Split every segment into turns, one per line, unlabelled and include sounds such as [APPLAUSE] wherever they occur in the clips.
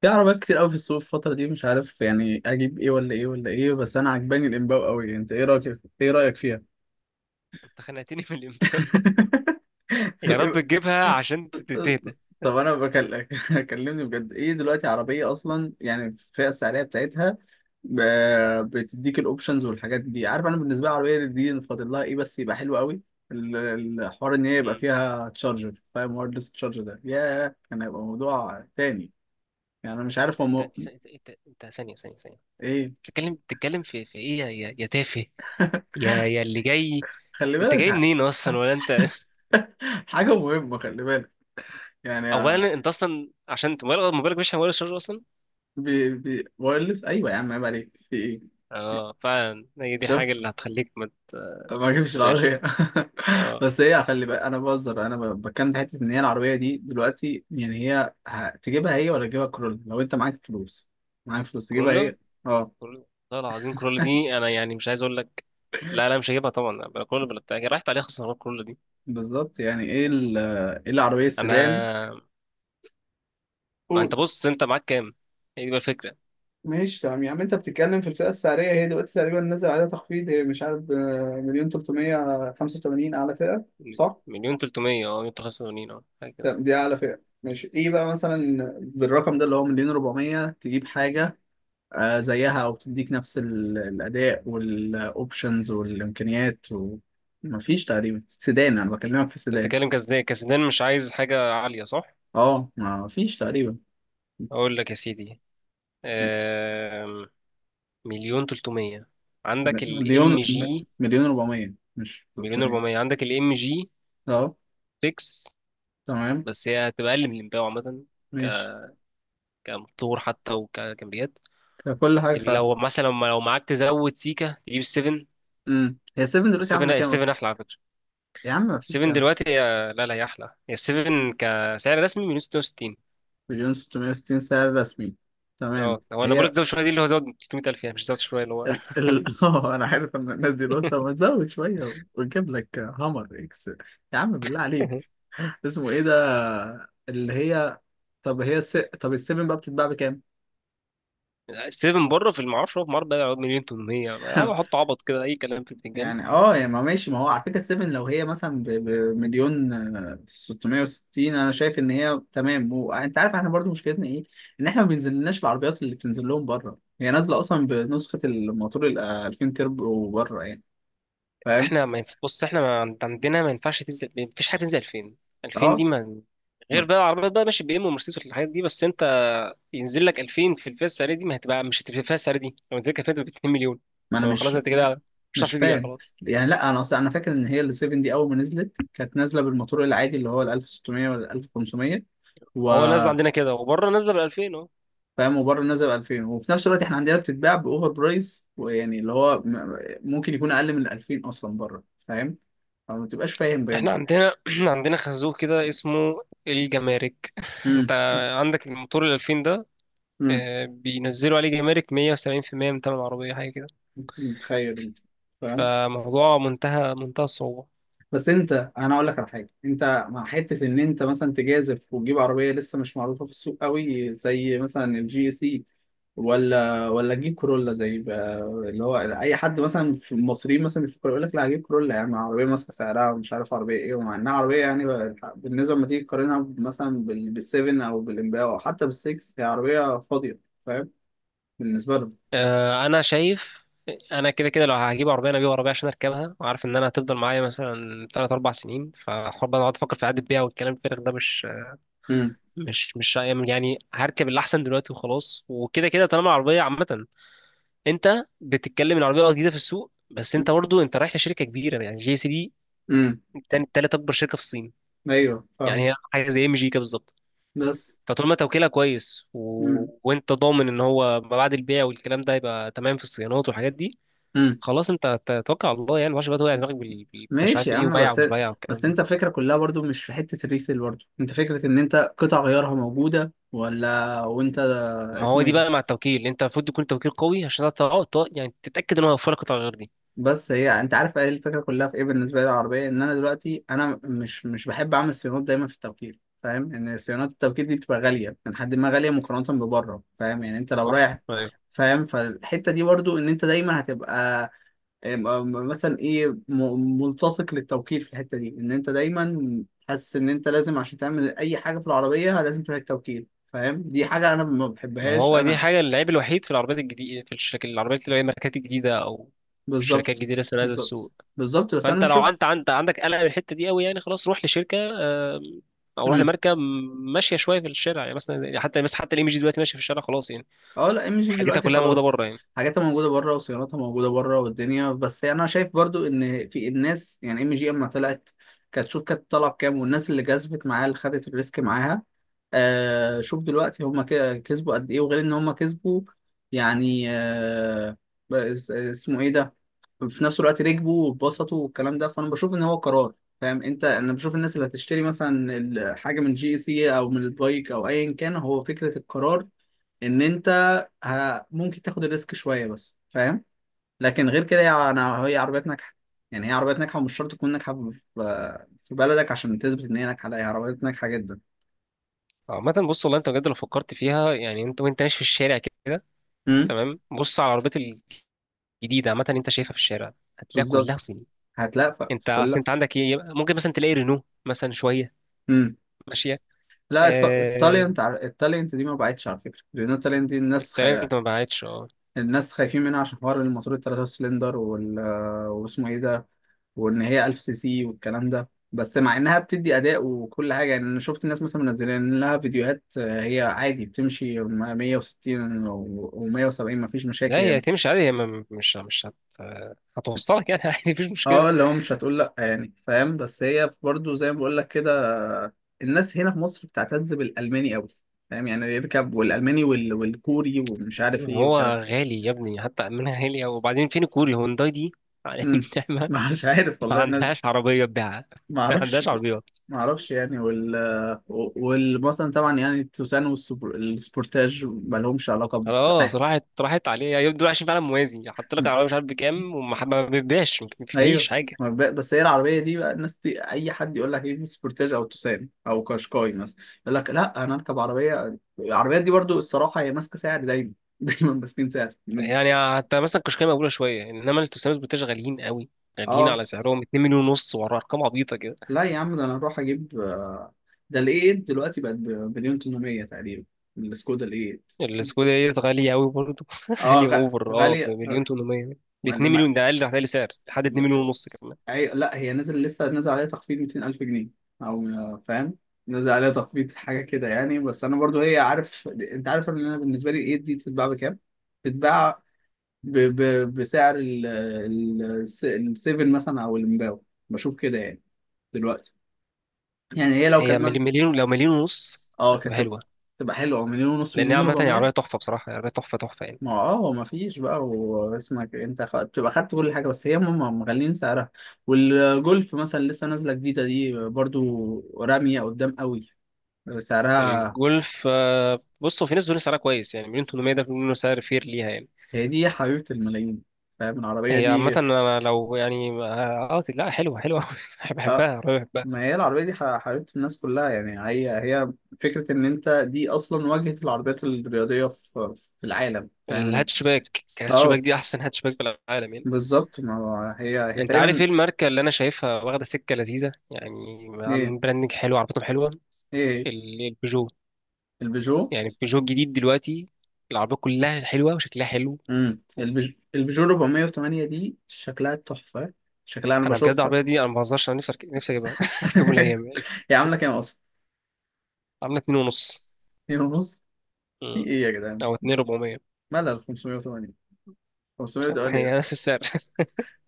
في عربيات كتير قوي في السوق الفترة دي، مش عارف يعني اجيب ايه ولا ايه ولا ايه. بس انا عجباني الامباو قوي. انت ايه رايك فيها؟
أنت خنقتني في الإمباو [LAUGHS]
[LAUGHS]
يا رب تجيبها عشان تهدى.
طب انا بكلمك، [LAUGHS] كلمني بجد. ايه دلوقتي عربية اصلا، يعني الفئة السعرية بتاعتها بتديك الاوبشنز والحاجات دي. عارف، انا بالنسبة لي العربية دي فاضل لها ايه بس يبقى حلو قوي. ال- الحوار ان هي يبقى
مم.
فيها تشارجر، فاهم، وايرلس تشارجر، ده ياه كان هيبقى موضوع تاني. يعني انا مش عارف هو
ثانية ثانية ثانية.
ايه.
بتتكلم في ايه يا تافه، يا اللي جاي.
خلي
انت جاي
بالك.
منين اصلا
[LAUGHS]
ولا انت؟ [LAUGHS]
[LAUGHS] حاجة مهمة، خلي بالك. يعني.
اولا انت اصلا عشان انت موبايلك مش على موبايل الشارجر اصلا.
بي وايرلس، أيوة يا عم، عيب عليك، في إيه؟
اه فعلا، هي دي الحاجة
شفت،
اللي هتخليك ما
ما اجيبش
تبقاش.
العربية. [LAUGHS]
اه
بس هي خلي بالك، أنا بهزر. أنا بتكلم في حتة إن هي العربية دي دلوقتي، يعني هي تجيبها هي ولا تجيبها كرول؟ لو أنت معاك فلوس تجيبها
كورولا
هي. أه.
كورولا، والله العظيم كورولا دي انا يعني مش عايز اقول لك. لا لا، مش هجيبها طبعا، بلا كورولا بلا بتاع، راحت عليها خسارات كورولا دي.
بالظبط. يعني إيه إيه العربية السيدان؟
انا ما انت
قول.
بص، انت معاك كام؟ هي دي بقى الفكره.
ماشي تمام يا عم. انت بتتكلم في الفئة السعرية، هي دلوقتي تقريبا نازل عليها تخفيض، هي مش عارف، مليون 385 أعلى فئة، صح؟
مليون تلتمية، مليون تلتمية وثمانين، اه حاجه كده.
طب دي أعلى فئة، ماشي. إيه بقى مثلا بالرقم ده اللي هو مليون ربعمية، تجيب حاجة زيها أو تديك نفس الأداء والأوبشنز والإمكانيات. ومفيش تقريبا سيدان، أنا بكلمك في
انت
سيدان،
بتتكلم كسدان، كسدان مش عايز حاجه عاليه، صح؟
أه مفيش تقريبا.
اقول لك يا سيدي،
م-
آم، مليون تلتمية عندك
مليون
الام
م-
جي.
مليون ربعمية مش
مليون
300.
400 عندك الام جي
أه
6،
تمام.
بس هي هتبقى اقل من الامباو عامه،
ماشي.
كموتور حتى وكامبيات.
كل حاجة فعلا.
لو مثلا لو معاك تزود سيكا تجيب السفن.
امم، هي 7 دلوقتي
السفن
عاملة كام
السفن
أصلا؟
احلى على فكره.
يا عم مفيش
السفن
كام.
دلوقتي هي، لا لا، هي احلى، هي السفن كسعر رسمي من 66.
مليون 660 سعر رسمي. تمام.
اه هو انا بقول
هي.
لك زود شويه، دي اللي هو زود 300,000، يعني مش زود شويه اللي هو
[LAUGHS] اه، انا عارف ان الناس دي قلت ما تزود شويه ونجيب لك هامر اكس. يا عم بالله عليك.
[LAUGHS]
اسمه ايه ده. اللي هي. طب السيفن بقى بتتباع بكام؟
سيفن بره في المعرفش، هو في مربى يقعد مليون 800، يقعدوا
[LAUGHS]
يحطوا عبط كده اي كلام في الفنجان.
يعني اه، يعني ما ماشي. ما هو على فكره السيفن لو هي مثلا بمليون 660، انا شايف ان هي تمام. وانت عارف احنا برضو مشكلتنا ايه؟ ان احنا ما بينزلناش العربيات اللي بتنزل لهم بره. هي نازله اصلا بنسخه الموتور ال 2000 تربو بره يعني. فاهم؟
احنا ما ينف... بص، احنا ما عند- عندنا ما ينفعش تنزل، ما فيش حاجه تنزل 2000. 2000
اه.
دي ما
ما
غير بقى العربيات بقى ماشي بي ام ومرسيدس والحاجات دي، بس انت ينزل لك 2000 في الفئه السعريه دي، ما هتبقى مش هتبقى فيها السعر دي، لو نزلت كانت ب 2 مليون.
ما انا
فخلاص
مش
انت كده مش هتعرف
مش
تبيع
فاهم.
خلاص.
يعني لا، انا اصلا انا فاكر ان هي ال 7 دي اول ما نزلت كانت نازله بالموتور العادي اللي هو ال 1600 ولا ال 1500. و
هو نازل عندنا كده وبره نازله ب 2000 اهو.
فاهم، وبره نازل ب 2000، وفي نفس الوقت احنا عندنا بتتباع باوفر برايس، ويعني اللي هو ممكن يكون اقل من ال 2000 اصلا بره، فاهم. فما تبقاش فاهم
احنا
بجد.
عندنا [CLEARS THROAT] عندنا خازوق كده اسمه الجمارك [LAUGHS]
امم.
انت عندك الموتور ال 2000 ده،
امم.
بينزلوا عليه جمارك 170% من تمن العربية حاجة كده.
متخيل انت. فاهم.
فموضوع منتهى منتهى الصعوبة.
بس انت، انا اقول لك على حاجه. انت مع حته ان انت مثلا تجازف وتجيب عربيه لسه مش معروفه في السوق قوي، زي مثلا الجي سي، ولا اجيب كورولا زي بقى اللي هو اي حد مثلا في المصريين مثلا بيفكر يقول لك لا هجيب كورولا. يا عم، عربيه ماسكه سعرها ومش عارف عربيه ايه، ومع انها عربيه يعني، بالنسبه لما تيجي تقارنها مثلا بالسيفن او بالامباو او حتى بالسكس، هي عربيه فاضيه. فاهم، بالنسبه لهم.
انا شايف. انا كده كده لو هجيب عربية، انا هجيب عربية عشان اركبها، وعارف ان انا هتفضل معايا مثلا 3 4 سنين، فحوار بقى اقعد افكر في عقد البيع والكلام الفارغ ده، مش
امم.
مش مش يعني هركب اللي احسن دلوقتي وخلاص، وكده كده طالما العربية عامة. انت بتتكلم إن العربيه جديده في السوق، بس انت برضو انت رايح لشركه كبيره، يعني جي سي دي
امم.
تاني تالت اكبر شركه في الصين.
ايوه فاهم.
يعني هي حاجه زي ام جي كده بالظبط.
بس.
فطول ما توكيلها كويس
امم.
وانت ضامن ان هو ما بعد البيع والكلام ده يبقى تمام في الصيانات والحاجات دي،
امم.
خلاص انت توكل على الله، يعني ما بقى توقع دماغك انت مش
ماشي
عارف
يا
ايه،
عم.
وبايع
بس،
ومش بايع والكلام
بس
ده.
انت الفكره كلها برضو مش في حته الريسيل. برضو انت فكره ان انت قطع غيارها موجوده ولا، وانت.
ما هو
اسمه ايه
دي
ده.
بقى مع التوكيل، انت المفروض يكون توكيل قوي عشان تعرف يعني تتاكد ان هو يوفر لك قطع غير دي.
بس هي، انت عارف ايه الفكره كلها في ايه بالنسبه لي العربيه؟ ان انا دلوقتي انا مش بحب اعمل صيانات دايما في التوكيل. فاهم ان صيانات التوكيل دي بتبقى غاليه، من حد ما غاليه مقارنه ببره. فاهم، يعني انت لو
صح.
رايح، فاهم. فالحته دي برضو ان انت دايما هتبقى مثلا ايه، ملتصق للتوكيل في الحته دي، ان انت دايما حاسس ان انت لازم عشان تعمل اي حاجه في العربيه لازم تروح التوكيل. فاهم، دي حاجه انا ما
ما
بحبهاش
هو دي
انا.
حاجة العيب الوحيد في العربيات الجديدة في الشركات، العربيات اللي هي ماركات الجديدة، أو الشركات
بالظبط.
الجديدة لسه نازلة
بالظبط.
السوق.
بالظبط. بس انا
فأنت لو أنت
بشوف.
عندك قلق من الحتة دي أوي، يعني خلاص روح لشركة، أو روح لماركة ماشية شوية في الشارع، يعني مثلا حتى حتى الإم جي دلوقتي ماشية في الشارع خلاص يعني.
اه لا، ام جي
حاجتها
دلوقتي
كلها موجودة
خلاص،
بره يعني.
حاجاتها موجوده بره وصيانتها موجوده بره والدنيا. بس انا شايف برضو ان في الناس، يعني ام جي اما طلعت كانت، شوف، كانت طالعه بكام، والناس اللي جذبت معاها، اللي خدت الريسك معاها. آه، شوف دلوقتي هما كده كسبوا قد ايه. وغير ان هما كسبوا، يعني آه، اسمه ايه ده، في نفس الوقت ركبوا واتبسطوا والكلام ده. فانا بشوف ان هو قرار، فاهم. انت انا بشوف الناس اللي هتشتري مثلا حاجه من جي سي او من البايك او ايا كان، هو فكره القرار ان انت ممكن تاخد الريسك شويه بس، فاهم. لكن غير كده يعني انا، هي عربيات ناجحه. يعني هي عربيات ناجحه، ومش شرط تكون ناجحه في في بلدك عشان تثبت ان هي ناجحه. لا، هي عربيات ناجحه جدا.
عامة بص والله، أنت بجد لو فكرت فيها يعني، أنت وأنت ماشي في الشارع كده،
امم.
تمام بص على العربيات الجديدة عامة، أنت شايفها في الشارع هتلاقيها كلها
بالظبط.
صيني.
هتلاقي في
أنت أصل
كل.
أنت عندك إيه؟ ممكن مثلا تلاقي رينو مثلا شوية
امم.
ماشية.
لا،
آه،
التالنت، التالنت دي ما بعتش على فكره، لان التالنت دي الناس
الترند ما بعتش، اه.
الناس خايفين منها عشان حوار الموتور الثلاثة سلندر واسمه ايه ده، وان هي 1000 سي سي والكلام ده. بس مع انها بتدي اداء وكل حاجه، يعني انا شفت الناس مثلا منزلين لها فيديوهات. هي عادي بتمشي 160 و170، مفيش
لا
مشاكل
هي
يعني.
هتمشي عادي، هي مش هتوصلك يعني [LAUGHS] عادي مفيش مشكلة.
اه، اللي هو مش هتقول لا يعني، فاهم. بس هي برضو زي ما بقول لك كده، الناس هنا في مصر بتعتز بالالماني قوي، فاهم. يعني يركب والالماني والكوري ومش عارف ايه
هو
والكلام.
غالي يا ابني حتى، من غالي. وبعدين فين الكوري؟ هونداي دي على [LAUGHS]
امم. [LAUGHS]
النعمة،
مش عارف
ما
والله.
عندهاش عربية تبيعها
ما
[LAUGHS] ما
اعرفش.
عندهاش عربيات،
ما اعرفش يعني. وال، والمثلا طبعا يعني التوسان والسبورتاج ما لهمش علاقه [LAUGHS]
خلاص راحت راحت عليه يعني، دول عايشين فعلا موازي، حط لك عربية مش عارف بكام وما ما بيبيعش، ما فيش
ايوه.
حاجة.
ما بس هي العربيه دي بقى، الناس دي اي حد يقول لك ايه سبورتاج او توسان او كاشكاي مثلا يقول لك لا انا اركب عربيه، العربيات دي برضو الصراحه هي ماسكه سعر دايما. [LAUGHS] دايما ماسكين سعر
يعني حتى مثلا كشكاية مقبولة شوية، انما التوسانوس بتاعش غاليين قوي، غاليين
اه.
على سعرهم 2 مليون ونص ورا ارقام عبيطة.
لا يا عم، ده انا اروح اجيب، ده الاي 8 دلوقتي بقت بمليون 800 تقريبا، السكودا الاي 8.
السكودا ديت غالية أوي برضه [LAUGHS]
اه
غالية أوفر، أه
غاليه.
بمليون تمنمية، ب 2 مليون ده أقل، هتلاقي سعر لحد 2 مليون ونص كمان.
لا، هي نزل، لسه نزل عليها تخفيض 200,000 جنيه او، فاهم. نزل عليها تخفيض حاجه كده يعني. بس انا برضو هي، عارف، انت عارف ان انا بالنسبه لي الايد دي تتباع بكام؟ تتباع بسعر السيفن مثلا او المباو. بشوف كده يعني، دلوقتي. يعني هي لو
هي
كانت
مليون،
مثلا
مليون، لو مليون ونص
اه كانت
هتبقى
تبقى،
حلوة.
تبقى حلوه، مليون ونص،
لأن هي
مليون
عامة هي
و400.
عربية تحفة، بصراحة هي عربية تحفة تحفة يعني.
ما اه، هو ما فيش بقى، واسمك انت بتبقى خدت كل حاجه، بس هي هم مغلين سعرها. والجولف مثلا لسه نازله جديده دي برضو، راميه قدام قوي سعرها.
الجولف، بصوا في ناس بتقول سعرها كويس، يعني مليون تمنمية ده بيقولوا إنه سعر فير ليها يعني.
هي دي حبيبه الملايين، فاهم، العربيه
هي عامة
دي.
أنا لو يعني أه آه، لا حلوة حلوة [LAUGHS] أوي. بحبها،
اه،
عربية بحبها.
ما هي العربيه دي حبيبه الناس كلها يعني. هي. هي فكره ان انت دي اصلا واجهه العربيات الرياضيه في في العالم، فاهم.
الهاتش باك
اه،
دي أحسن هاتش باك في العالم يعني.
بالظبط، ما هو هي هي
انت عارف
تقريبا
ايه الماركه اللي انا شايفها واخده سكه لذيذه يعني،
ايه.
عاملين براندنج حلو عربيتهم حلوه؟
ايه
البيجو.
البيجو.
يعني البيجو الجديد دلوقتي العربيه كلها حلوه وشكلها حلو.
امم. البيجو 408 دي شكلها تحفة، شكلها انا
انا بجد
بشوفها.
العربيه دي، انا ما بهزرش انا، نفسي اجيبها [LAUGHS] في يوم من
[LAUGHS]
الايام يعني.
هي عاملة كام اصلا؟
عامله 2 ونص.
هي ونص. في
مم.
ايه يا جدعان؟
او 2400
مالها 508.
[LAUGHS]
508.
هي نفس السعر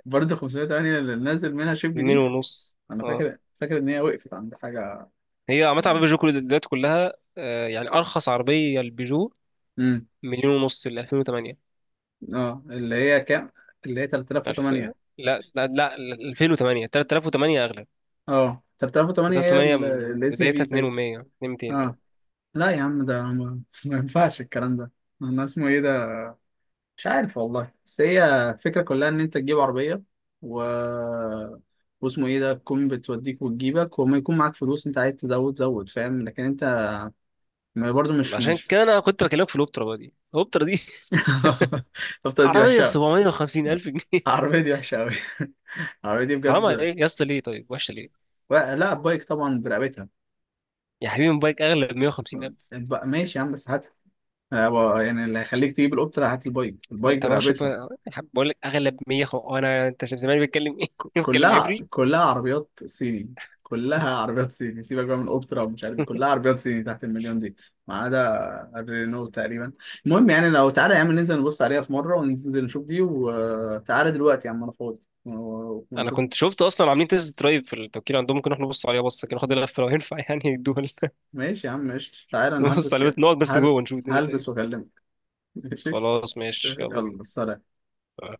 برضه 508 اللي نازل منها شيب
[LAUGHS] 2
جديد.
ونص،
انا
اه
فاكر، فاكر ان هي وقفت عند حاجة.
هي عامه عربيه بيجو كل دلوقتي كلها، يعني ارخص عربيه البيجو
امم.
مليون ونص ل 2008
اه، اللي هي كام؟ اللي هي
الف.
3008.
لا لا لا، 2008 3008 اغلى.
اه 3008،
ده
هي
8
الاس يو
بدايتها
في
2
تقريبا.
و100 200،
اه
اه.
لا يا عم، ده ما ينفعش الكلام ده. انا اسمه ايه، مش عارف والله. بس هي الفكرة كلها إن أنت تجيب عربية و... واسمه إيه ده، تكون بتوديك وتجيبك، وما يكون معاك فلوس أنت عايز تزود زود، فاهم. لكن أنت، ما برضه مش
عشان
مش
كده انا كنت بكلمك في الاوبترا بقى دي، الاوبترا دي [LAUGHS]
[LAUGHS] طب دي
عربيه ب
وحشة أوي.
750 الف جنيه.
العربية دي وحشة أوي. [LAUGHS] العربية دي
حرام
بجد.
عليك يا اسطى، ليه طيب؟ وحشه ليه؟
لا، بايك طبعا برقبتها.
يا حبيبي موبايلك اغلى ب 150 الف.
ماشي يا عم، بس هاتها. يعني اللي هيخليك تجيب القطة لا، هات البايك، البايك
انت ما شوف
برقبتها.
يا حبيبي، بقول لك اغلى ب 100. وانا انت شايف زمان بيتكلم ايه؟ [LAUGHS] بيتكلم
كلها
عبري.
كلها عربيات صيني. كلها عربيات صيني، سيبك بقى من اوبترا ومش عارف ايه، كلها
[LAUGHS]
عربيات صيني تحت المليون دي، ما عدا الرينو تقريبا. المهم يعني، لو تعالى يا عم، ننزل نبص عليها في مره، وننزل نشوف دي. وتعالى دلوقتي يا عم انا فاضي
انا
ونشوف.
كنت شفت اصلا عاملين تيست درايف في التوكيل عندهم، ممكن احنا نبص عليها بصه كده، ناخد لفه لو ينفع يعني الدول.
ماشي يا عم، ماشي. تعالى
[LAUGHS]
انا
نبص
هلبس
عليها
كده.
بس، نقعد بس
هل
جوه نشوف الدنيا فيها
هلبس
إيه.
واكلمك. ماشي.
خلاص ماشي يلا بينا
يلا سلام.